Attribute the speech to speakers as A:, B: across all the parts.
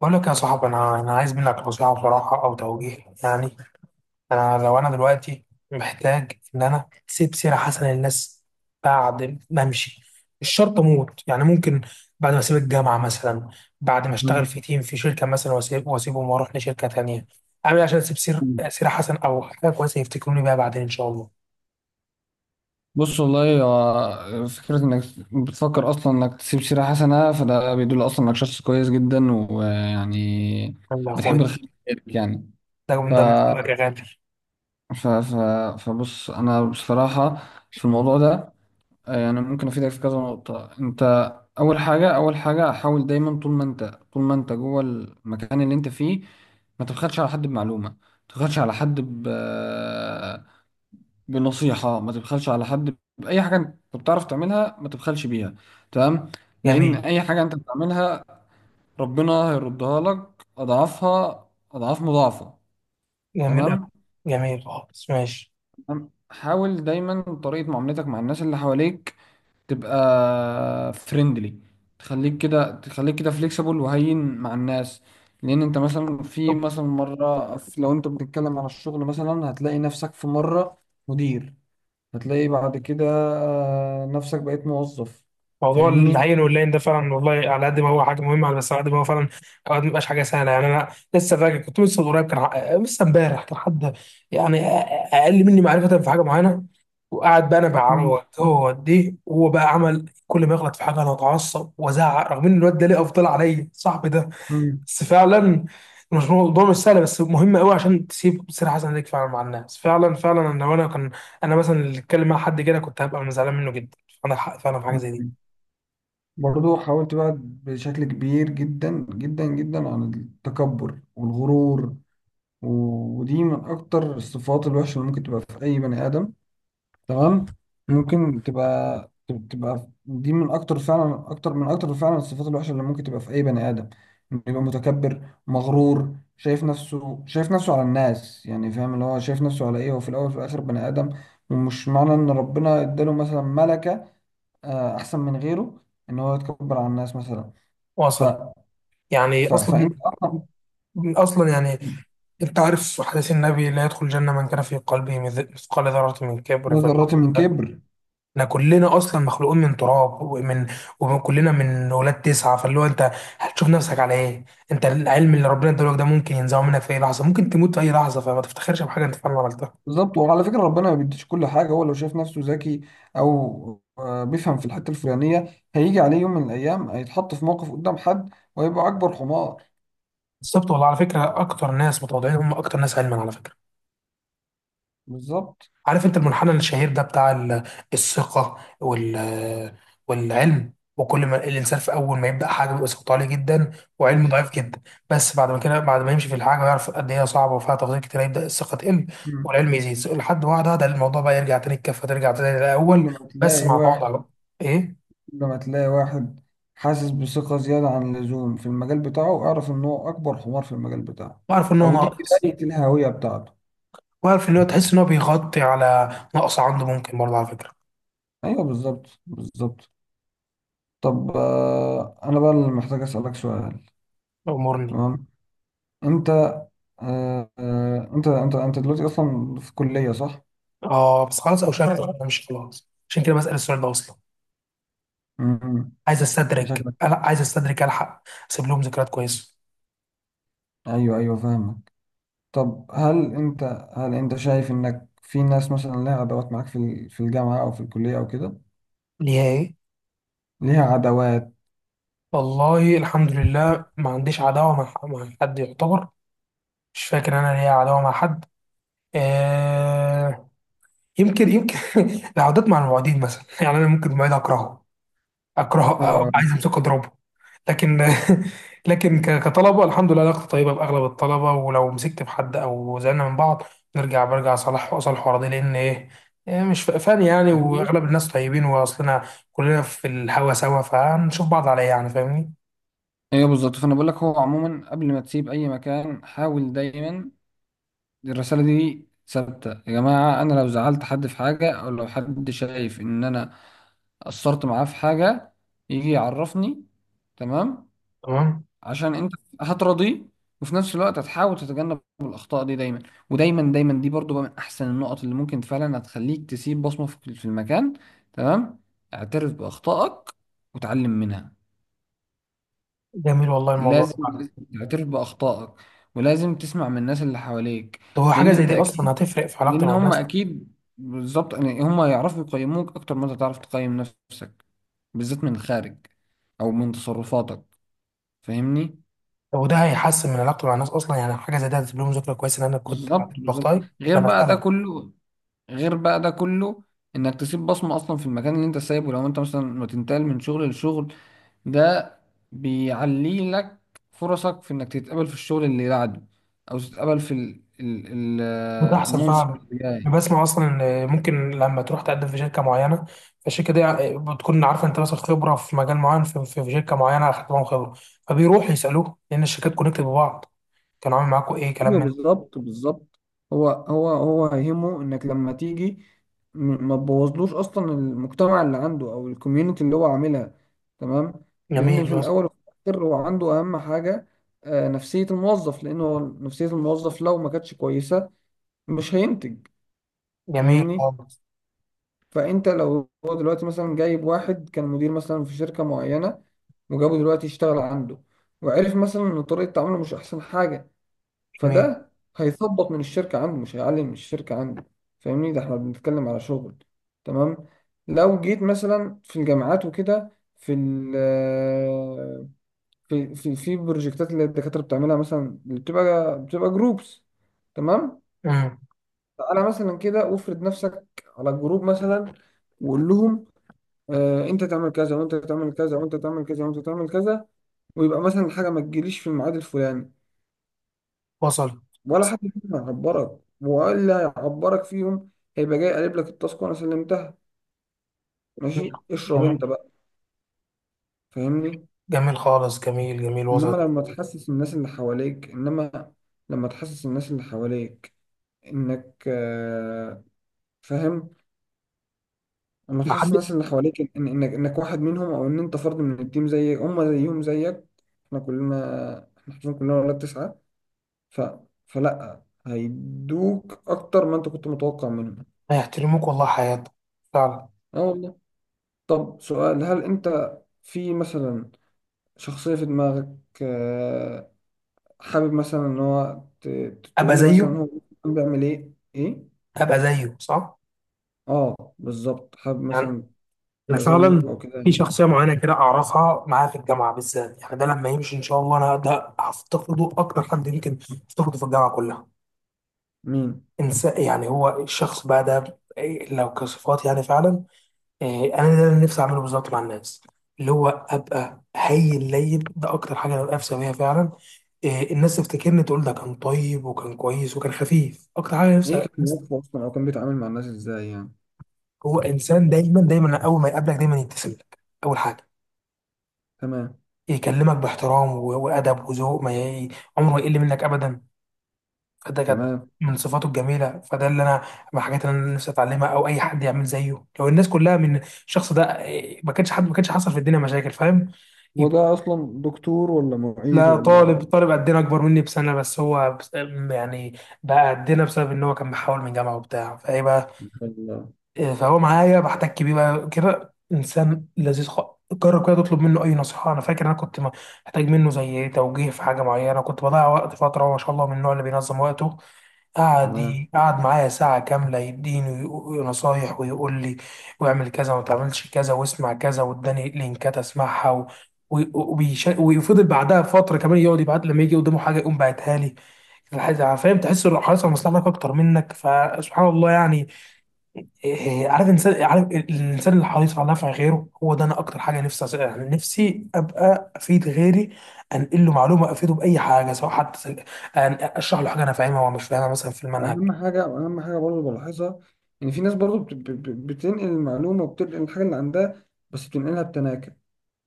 A: بقول لك يا صاحبي، انا عايز منك نصيحه بصراحه او توجيه. يعني انا لو انا دلوقتي محتاج ان انا اسيب سيره حسنه للناس بعد ما امشي، مش شرط اموت، يعني ممكن بعد ما اسيب الجامعه مثلا، بعد ما اشتغل
B: مم.
A: في تيم في شركه مثلا واسيبهم واروح لشركه تانية. اعمل إيه عشان اسيب سيره حسنه او حاجه كويسه يفتكروني بيها بعدين ان شاء الله؟
B: بص، والله هو فكرة انك بتفكر اصلا انك تسيب سيرة حسنة، فده بيدل اصلا انك شخص كويس جدا ويعني
A: يلا يا
B: بتحب
A: اخويا،
B: الخير، يعني.
A: ده
B: ف...
A: من ده من رأيك يا غالي.
B: ف... ف... فبص انا بصراحة في الموضوع ده، يعني ممكن افيدك في كذا نقطة. انت اول حاجة، حاول دايما طول ما انت، جوه المكان اللي انت فيه ما تبخلش على حد بمعلومة، ما تبخلش على حد بنصيحة، ما تبخلش على حد بأي حاجة أنت بتعرف تعملها، ما تبخلش بيها. تمام. لأن
A: جميل.
B: أي حاجة أنت بتعملها ربنا هيردها لك أضعافها أضعاف مضاعفة.
A: جميل أوي.
B: تمام
A: جميل خالص، ماشي.
B: تمام؟ حاول دايما طريقة معاملتك مع الناس اللي حواليك تبقى فريندلي، تخليك كده فليكسيبل وهين مع الناس. لأن أنت مثلا، في مثلا مرة لو أنت بتتكلم عن الشغل مثلا هتلاقي نفسك في مرة مدير، هتلاقي بعد كده نفسك بقيت موظف.
A: موضوع
B: فاهمني؟
A: العين واللين ده فعلا والله، على قد ما هو حاجه مهمه، على بس على قد ما هو فعلا اوقات ما بيبقاش حاجه سهله. يعني انا لسه فاكر، كنت لسه من قريب كان لسه امبارح كان حد، يعني اقل مني معرفه في حاجه معينه، وقعد بقى انا
B: مم.
A: بعرض، هو دي هو بقى عمل، كل ما يغلط في حاجه انا اتعصب وازعق، رغم ان الواد ده ليه افضل عليا، صاحبي ده.
B: مم.
A: بس فعلا مش سهل، بس مهم قوي عشان تسيب سيره حسنه ليك فعلا مع الناس. فعلا فعلا انا، وانا كان انا مثلا اللي اتكلم مع حد كده كنت هبقى زعلان منه جدا. عندك حق فعلا في حاجه زي دي.
B: مم. برضو حاولت بقى بشكل كبير جدا جدا جدا عن التكبر والغرور. ودي من اكتر الصفات الوحشة اللي ممكن تبقى في اي بني ادم. تمام. ممكن تبقى، دي من اكتر فعلا، اكتر من اكتر فعلا الصفات الوحشه اللي ممكن تبقى في اي بني ادم. إنه يبقى متكبر مغرور، شايف نفسه على الناس. يعني فاهم اللي هو شايف نفسه على ايه؟ هو في الاول وفي الاخر بني ادم. ومش معنى ان ربنا اداله مثلا ملكه احسن من غيره، ان هو يتكبر على الناس مثلا. ف...
A: واصل. يعني
B: فانت
A: اصلا،
B: اصلا.
A: اصلا يعني انت عارف حديث النبي: لا يدخل الجنه من كان في قلبه مثقال ذره من كبر.
B: لا، ذرة من كبر.
A: احنا كلنا اصلا مخلوقين من تراب ومن، وكلنا من ولاد تسعه، فاللي هو انت هتشوف نفسك على ايه؟ انت العلم اللي ربنا ادالك ده ممكن ينزعه منك في اي لحظه، ممكن تموت في اي لحظه، فما تفتخرش بحاجه انت فعلا عملتها.
B: بالظبط. وعلى فكرة ربنا ما بيديش كل حاجة. هو لو شايف نفسه ذكي، أو بيفهم في الحتة الفلانية، هيجي عليه يوم من الأيام هيتحط في موقف قدام حد، وهيبقى أكبر حمار.
A: بالظبط. والله على فكره اكتر ناس متواضعين هم اكتر ناس علما، على فكره.
B: بالظبط،
A: عارف انت المنحنى الشهير ده بتاع الثقة والعلم؟ وكل ما الانسان في اول ما يبدا حاجه بيبقى ثقته عاليه جدا وعلمه
B: بالظبط.
A: ضعيف جدا. بس بعد ما كده، بعد ما يمشي في الحاجه ويعرف قد ايه هي صعبه وفيها تفاصيل كتير، يبدا الثقه تقل
B: مم.
A: والعلم يزيد، لحد واحده ده الموضوع بقى يرجع تاني، الكفه ترجع تاني
B: كل
A: للاول،
B: ما
A: بس
B: تلاقي
A: مع
B: واحد
A: تواضع بقى. ايه.
B: كل ما تلاقي واحد حاسس بثقة زيادة عن اللزوم في المجال بتاعه، اعرف إن هو أكبر حمار في المجال بتاعه.
A: وعارف ان هو
B: أو دي
A: ناقص،
B: بداية الهوية بتاعته.
A: وعارف ان هو، تحس ان هو بيغطي على نقص عنده ممكن برضه على فكره.
B: أيوه، بالظبط، بالظبط. طب، أنا بقى اللي محتاج أسألك سؤال.
A: امورني.
B: تمام. انت آه آه، انت انت انت دلوقتي اصلا في كلية، صح؟
A: اه بس خلاص، او شكل انا مش خلاص، عشان كده بسال السؤال ده اصلا.
B: امم
A: عايز استدرج،
B: شكلك.
A: انا عايز استدرج الحق، اسيب لهم ذكريات كويسه.
B: ايوه، ايوه، فاهمك. طب هل انت، شايف انك في ناس مثلا لها عداوات معاك في في الجامعة، او في الكلية او كده،
A: ليها ايه؟
B: ليها عداوات؟
A: والله الحمد لله ما عنديش عداوه مع حد يعتبر. مش فاكر انا ليا عداوه مع حد. آه، يمكن، يمكن العودات مع المواعيدين مثلا يعني انا ممكن المواعيد اكرهه، اكره أبقى
B: آه.
A: عايز امسكه اضربه. لكن لكن كطلبه الحمد لله علاقتي طيبه باغلب الطلبه، ولو مسكت في حد او زعلنا من بعض نرجع برجع، صالح واصالح ورا دي، لان ايه، إيه، مش فاني يعني. واغلب الناس طيبين واصلنا كلنا في الهوا سوا، فهنشوف بعض عليه يعني، فاهمني.
B: ايوه، بالظبط. فانا بقول لك، هو عموما قبل ما تسيب اي مكان حاول دايما، الرساله دي ثابته يا جماعه: انا لو زعلت حد في حاجه، او لو حد شايف ان انا قصرت معاه في حاجه، يجي يعرفني. تمام.
A: تمام.
B: عشان انت هترضيه، وفي نفس الوقت هتحاول تتجنب الاخطاء دي دايما. ودايما دايما دي برضو بقى من احسن النقط اللي ممكن فعلا هتخليك تسيب بصمة في المكان. تمام. اعترف باخطائك وتعلم منها.
A: جميل والله الموضوع
B: لازم،
A: ده فعلا.
B: لازم تعترف باخطائك، ولازم تسمع من الناس اللي حواليك.
A: طب هو حاجه
B: لان
A: زي
B: انت
A: دي اصلا
B: اكيد،
A: هتفرق في علاقتي
B: لان
A: مع
B: هم
A: الناس؟
B: اكيد بالظبط يعني، هم يعرفوا يقيموك اكتر ما انت تعرف تقيم نفسك، بالذات من الخارج او من تصرفاتك. فاهمني؟
A: طب وده هيحسن من علاقتي مع الناس اصلا؟ يعني حاجه زي دي هتسيب لهم ذكرى كويسه ان انا كنت بعترف
B: بالظبط، بالظبط.
A: بخطاي؟ انا بسالك.
B: غير بقى ده كله انك تسيب بصمة اصلا في المكان اللي انت سايبه. لو انت مثلا ما تنتقل من شغل لشغل، ده بيعلي لك فرصك في انك تتقبل في الشغل اللي بعده، او تتقبل في
A: بتحصل
B: المنصب
A: فعلا،
B: اللي
A: انا
B: جاي.
A: بسمع اصلا ان ممكن لما تروح تقدم في شركه معينه، فالشركه دي بتكون عارفه انت مثلا خبره في مجال معين في شركه معينه اخدت معاهم خبره، فبيروحوا يسالوه، لان الشركات كونكتد ببعض، كان عامل معاكم ايه، كلام
B: ايوه،
A: من.
B: بالظبط، بالظبط. هو هيهمه انك لما تيجي ما تبوظلوش اصلا المجتمع اللي عنده او الكوميونتي اللي هو عاملها. تمام. لان
A: جميل،
B: في
A: وصل.
B: الاول وفي الاخر هو عنده اهم حاجه نفسيه الموظف. لان هو نفسيه الموظف لو ما كانتش كويسه مش هينتج.
A: جميل
B: فاهمني؟
A: خالص.
B: فانت لو هو دلوقتي مثلا جايب واحد كان مدير مثلا في شركه معينه، وجابه دلوقتي يشتغل عنده، وعرف مثلا ان طريقه تعامله مش احسن حاجه،
A: جميل.
B: فده هيثبط من الشركة عنده، مش هيعلي من الشركة عنده. فاهمني؟ ده احنا بنتكلم على شغل. تمام. لو جيت مثلا في الجامعات وكده، في بروجكتات اللي الدكاترة بتعملها مثلا، اللي بتبقى جروبس. تمام.
A: امم.
B: تعالى مثلا كده وافرض نفسك على الجروب مثلا، وقول لهم: آه، انت تعمل كذا، وانت تعمل كذا، وانت تعمل كذا، وانت تعمل كذا. ويبقى مثلا الحاجة ما تجيليش في الميعاد الفلاني،
A: وصل.
B: ولا
A: وصل.
B: حد فيهم هيعبرك، وإلا هيعبرك فيهم؟ هيبقى جاي قالب لك التاسك: وأنا سلمتها.
A: جميل.
B: ماشي، اشرب
A: جميل.
B: أنت بقى. فاهمني؟
A: جميل خالص، جميل، جميل، وصل.
B: إنما لما تحسس الناس اللي حواليك إنك فاهم، لما
A: ما
B: تحسس
A: حد.
B: الناس اللي حواليك إن إنك واحد منهم، أو إن أنت فرد من التيم زي هم، زيهم زيك. إحنا حرفيا كلنا ولاد تسعة. ف... فلأ، هيدوك أكتر ما أنت كنت متوقع منهم.
A: هيحترموك والله حياتك، فعلا.
B: اه، والله. طب سؤال، هل انت في مثلا شخصية في دماغك آه، حابب مثلا ان هو
A: ابقى
B: تقول لي مثلا
A: زيه.
B: هو بيعمل ايه؟ ايه.
A: ابقى زيه، صح.
B: اه، بالظبط، حابب
A: يعني
B: مثلا
A: انا
B: تبقى
A: فعلا
B: زيه او كده
A: في
B: يعني.
A: شخصيه معينه كده اعرفها، معاها في الجامعه بالذات. يعني ده لما يمشي ان شاء الله انا ده هفتقده اكتر حد، يمكن افتقده في الجامعه كلها.
B: مين؟
A: انسان، يعني هو الشخص بقى ده إيه، لو كصفات يعني فعلا، إيه، انا ده اللي نفسي اعمله بالظبط مع الناس، اللي هو ابقى هاي اللين ده اكتر حاجه انا نفسي بيها فعلا. إيه، الناس تفتكرني، تقول ده كان طيب وكان كويس وكان خفيف، اكتر حاجه
B: ايه
A: نفسي
B: كان
A: الناس.
B: موقفه اصلا، او كان بيتعامل مع الناس ازاي يعني؟
A: هو انسان دايما اول ما يقابلك دايما يبتسم لك، اول حاجه.
B: تمام.
A: يكلمك باحترام وادب وذوق، ما ي... عمره يقل منك ابدا. فده كانت
B: تمام.
A: من صفاته الجميله، فده اللي انا من الحاجات اللي انا نفسي اتعلمها، او اي حد يعمل زيه. لو الناس كلها من الشخص ده إيه، ما كانش حد، ما كانش حصل في الدنيا مشاكل، فاهم.
B: هو
A: يب-
B: ده اصلا دكتور ولا معيد
A: لا،
B: ولا؟
A: طالب، طالب قدنا، اكبر مني بسنه بس، هو يعني بقى قدنا بسبب ان هو كان محاول من جامعه وبتاع، فايه بقى.
B: ما شاء الله.
A: إيه، فهو معايا بحتك بيه بقى، كده انسان لذيذ خالص. جرب كده تطلب منه اي نصيحه. انا فاكر انا كنت محتاج منه زي توجيه في حاجه معينه، كنت بضيع وقت فتره، وما شاء الله من النوع اللي بينظم وقته، قعد
B: تمام.
A: قعد معايا ساعه كامله يديني نصايح ويقول لي واعمل كذا وما تعملش كذا واسمع كذا، واداني لينكات اسمعها و... ويفضل بعدها فتره كمان يقعد يبعت، لما يجي قدامه حاجه يقوم باعتها لي. فاهم، تحس انه حريص على مصلحتك اكتر منك، فسبحان الله يعني. إيه، عارف الانسان، عارف الانسان اللي حريص على نفع غيره، هو ده انا اكتر حاجه نفسي يعني نفسي ابقى افيد غيري، انقل له معلومه، افيده باي حاجه سواء حتى اشرح له حاجه انا فاهمها ومش فاهمها مثلا في المنهج.
B: اهم حاجة برضه بلاحظها، ان في ناس برضه بتنقل المعلومة، وبتنقل الحاجة اللي عندها بس بتنقلها بتناكر.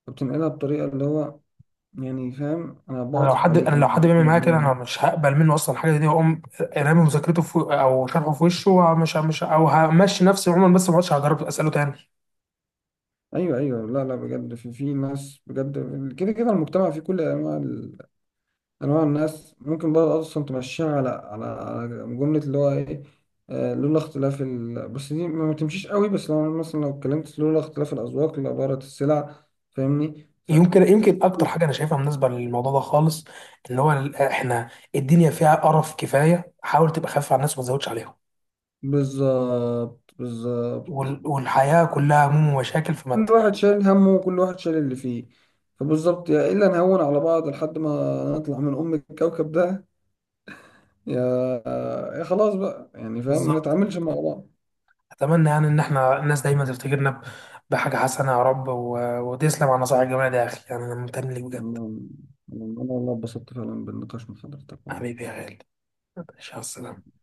B: فبتنقلها بطريقة، اللي هو يعني، فاهم، أنا بعطف عليك
A: انا
B: إن
A: لو
B: أنا
A: حد
B: اديك
A: بيعمل معايا كده
B: المعلومة
A: انا
B: دي.
A: مش هقبل منه اصلا الحاجه دي، واقوم رامي مذاكرته في، او شرحه في وشه، ومش مش او همشي نفسي عموما، بس ما عادش هجرب اساله تاني.
B: أيوه، أيوه، لا، لا، بجد. في ناس بجد، كده المجتمع فيه كل أنواع أنواع الناس. ممكن بقى أصلا تمشيها على جملة، اللي هو إيه؟ لولا اختلاف بس دي ما تمشيش قوي، بس لو مثلا، لو اتكلمت، لولا اختلاف الأذواق لبارت السلع. فاهمني؟
A: يمكن، يمكن اكتر حاجه انا شايفها مناسبه للموضوع ده خالص، اللي هو احنا الدنيا فيها قرف كفايه، حاول تبقى خفيف على الناس وما تزودش عليهم.
B: بالظبط، بالظبط.
A: والحياة كلها هموم ومشاكل في مت.
B: كل واحد شايل همه، وكل واحد شايل اللي فيه. فبالظبط، يا إلا نهون على بعض لحد ما نطلع من أم الكوكب ده، يا يا خلاص بقى يعني، فاهم، ما
A: بالظبط.
B: نتعاملش مع بعض.
A: أتمنى يعني إن إحنا الناس دايما تفتكرنا بحاجة حسنة يا رب، و... وتسلم على النصائح الجميلة دي يا أخي، يعني أنا ممتن ليك بجد.
B: أنا أنا والله اتبسطت فعلا بالنقاش مع حضرتك، والله.
A: حبيبي يا غالي. ماشي، على السلامة.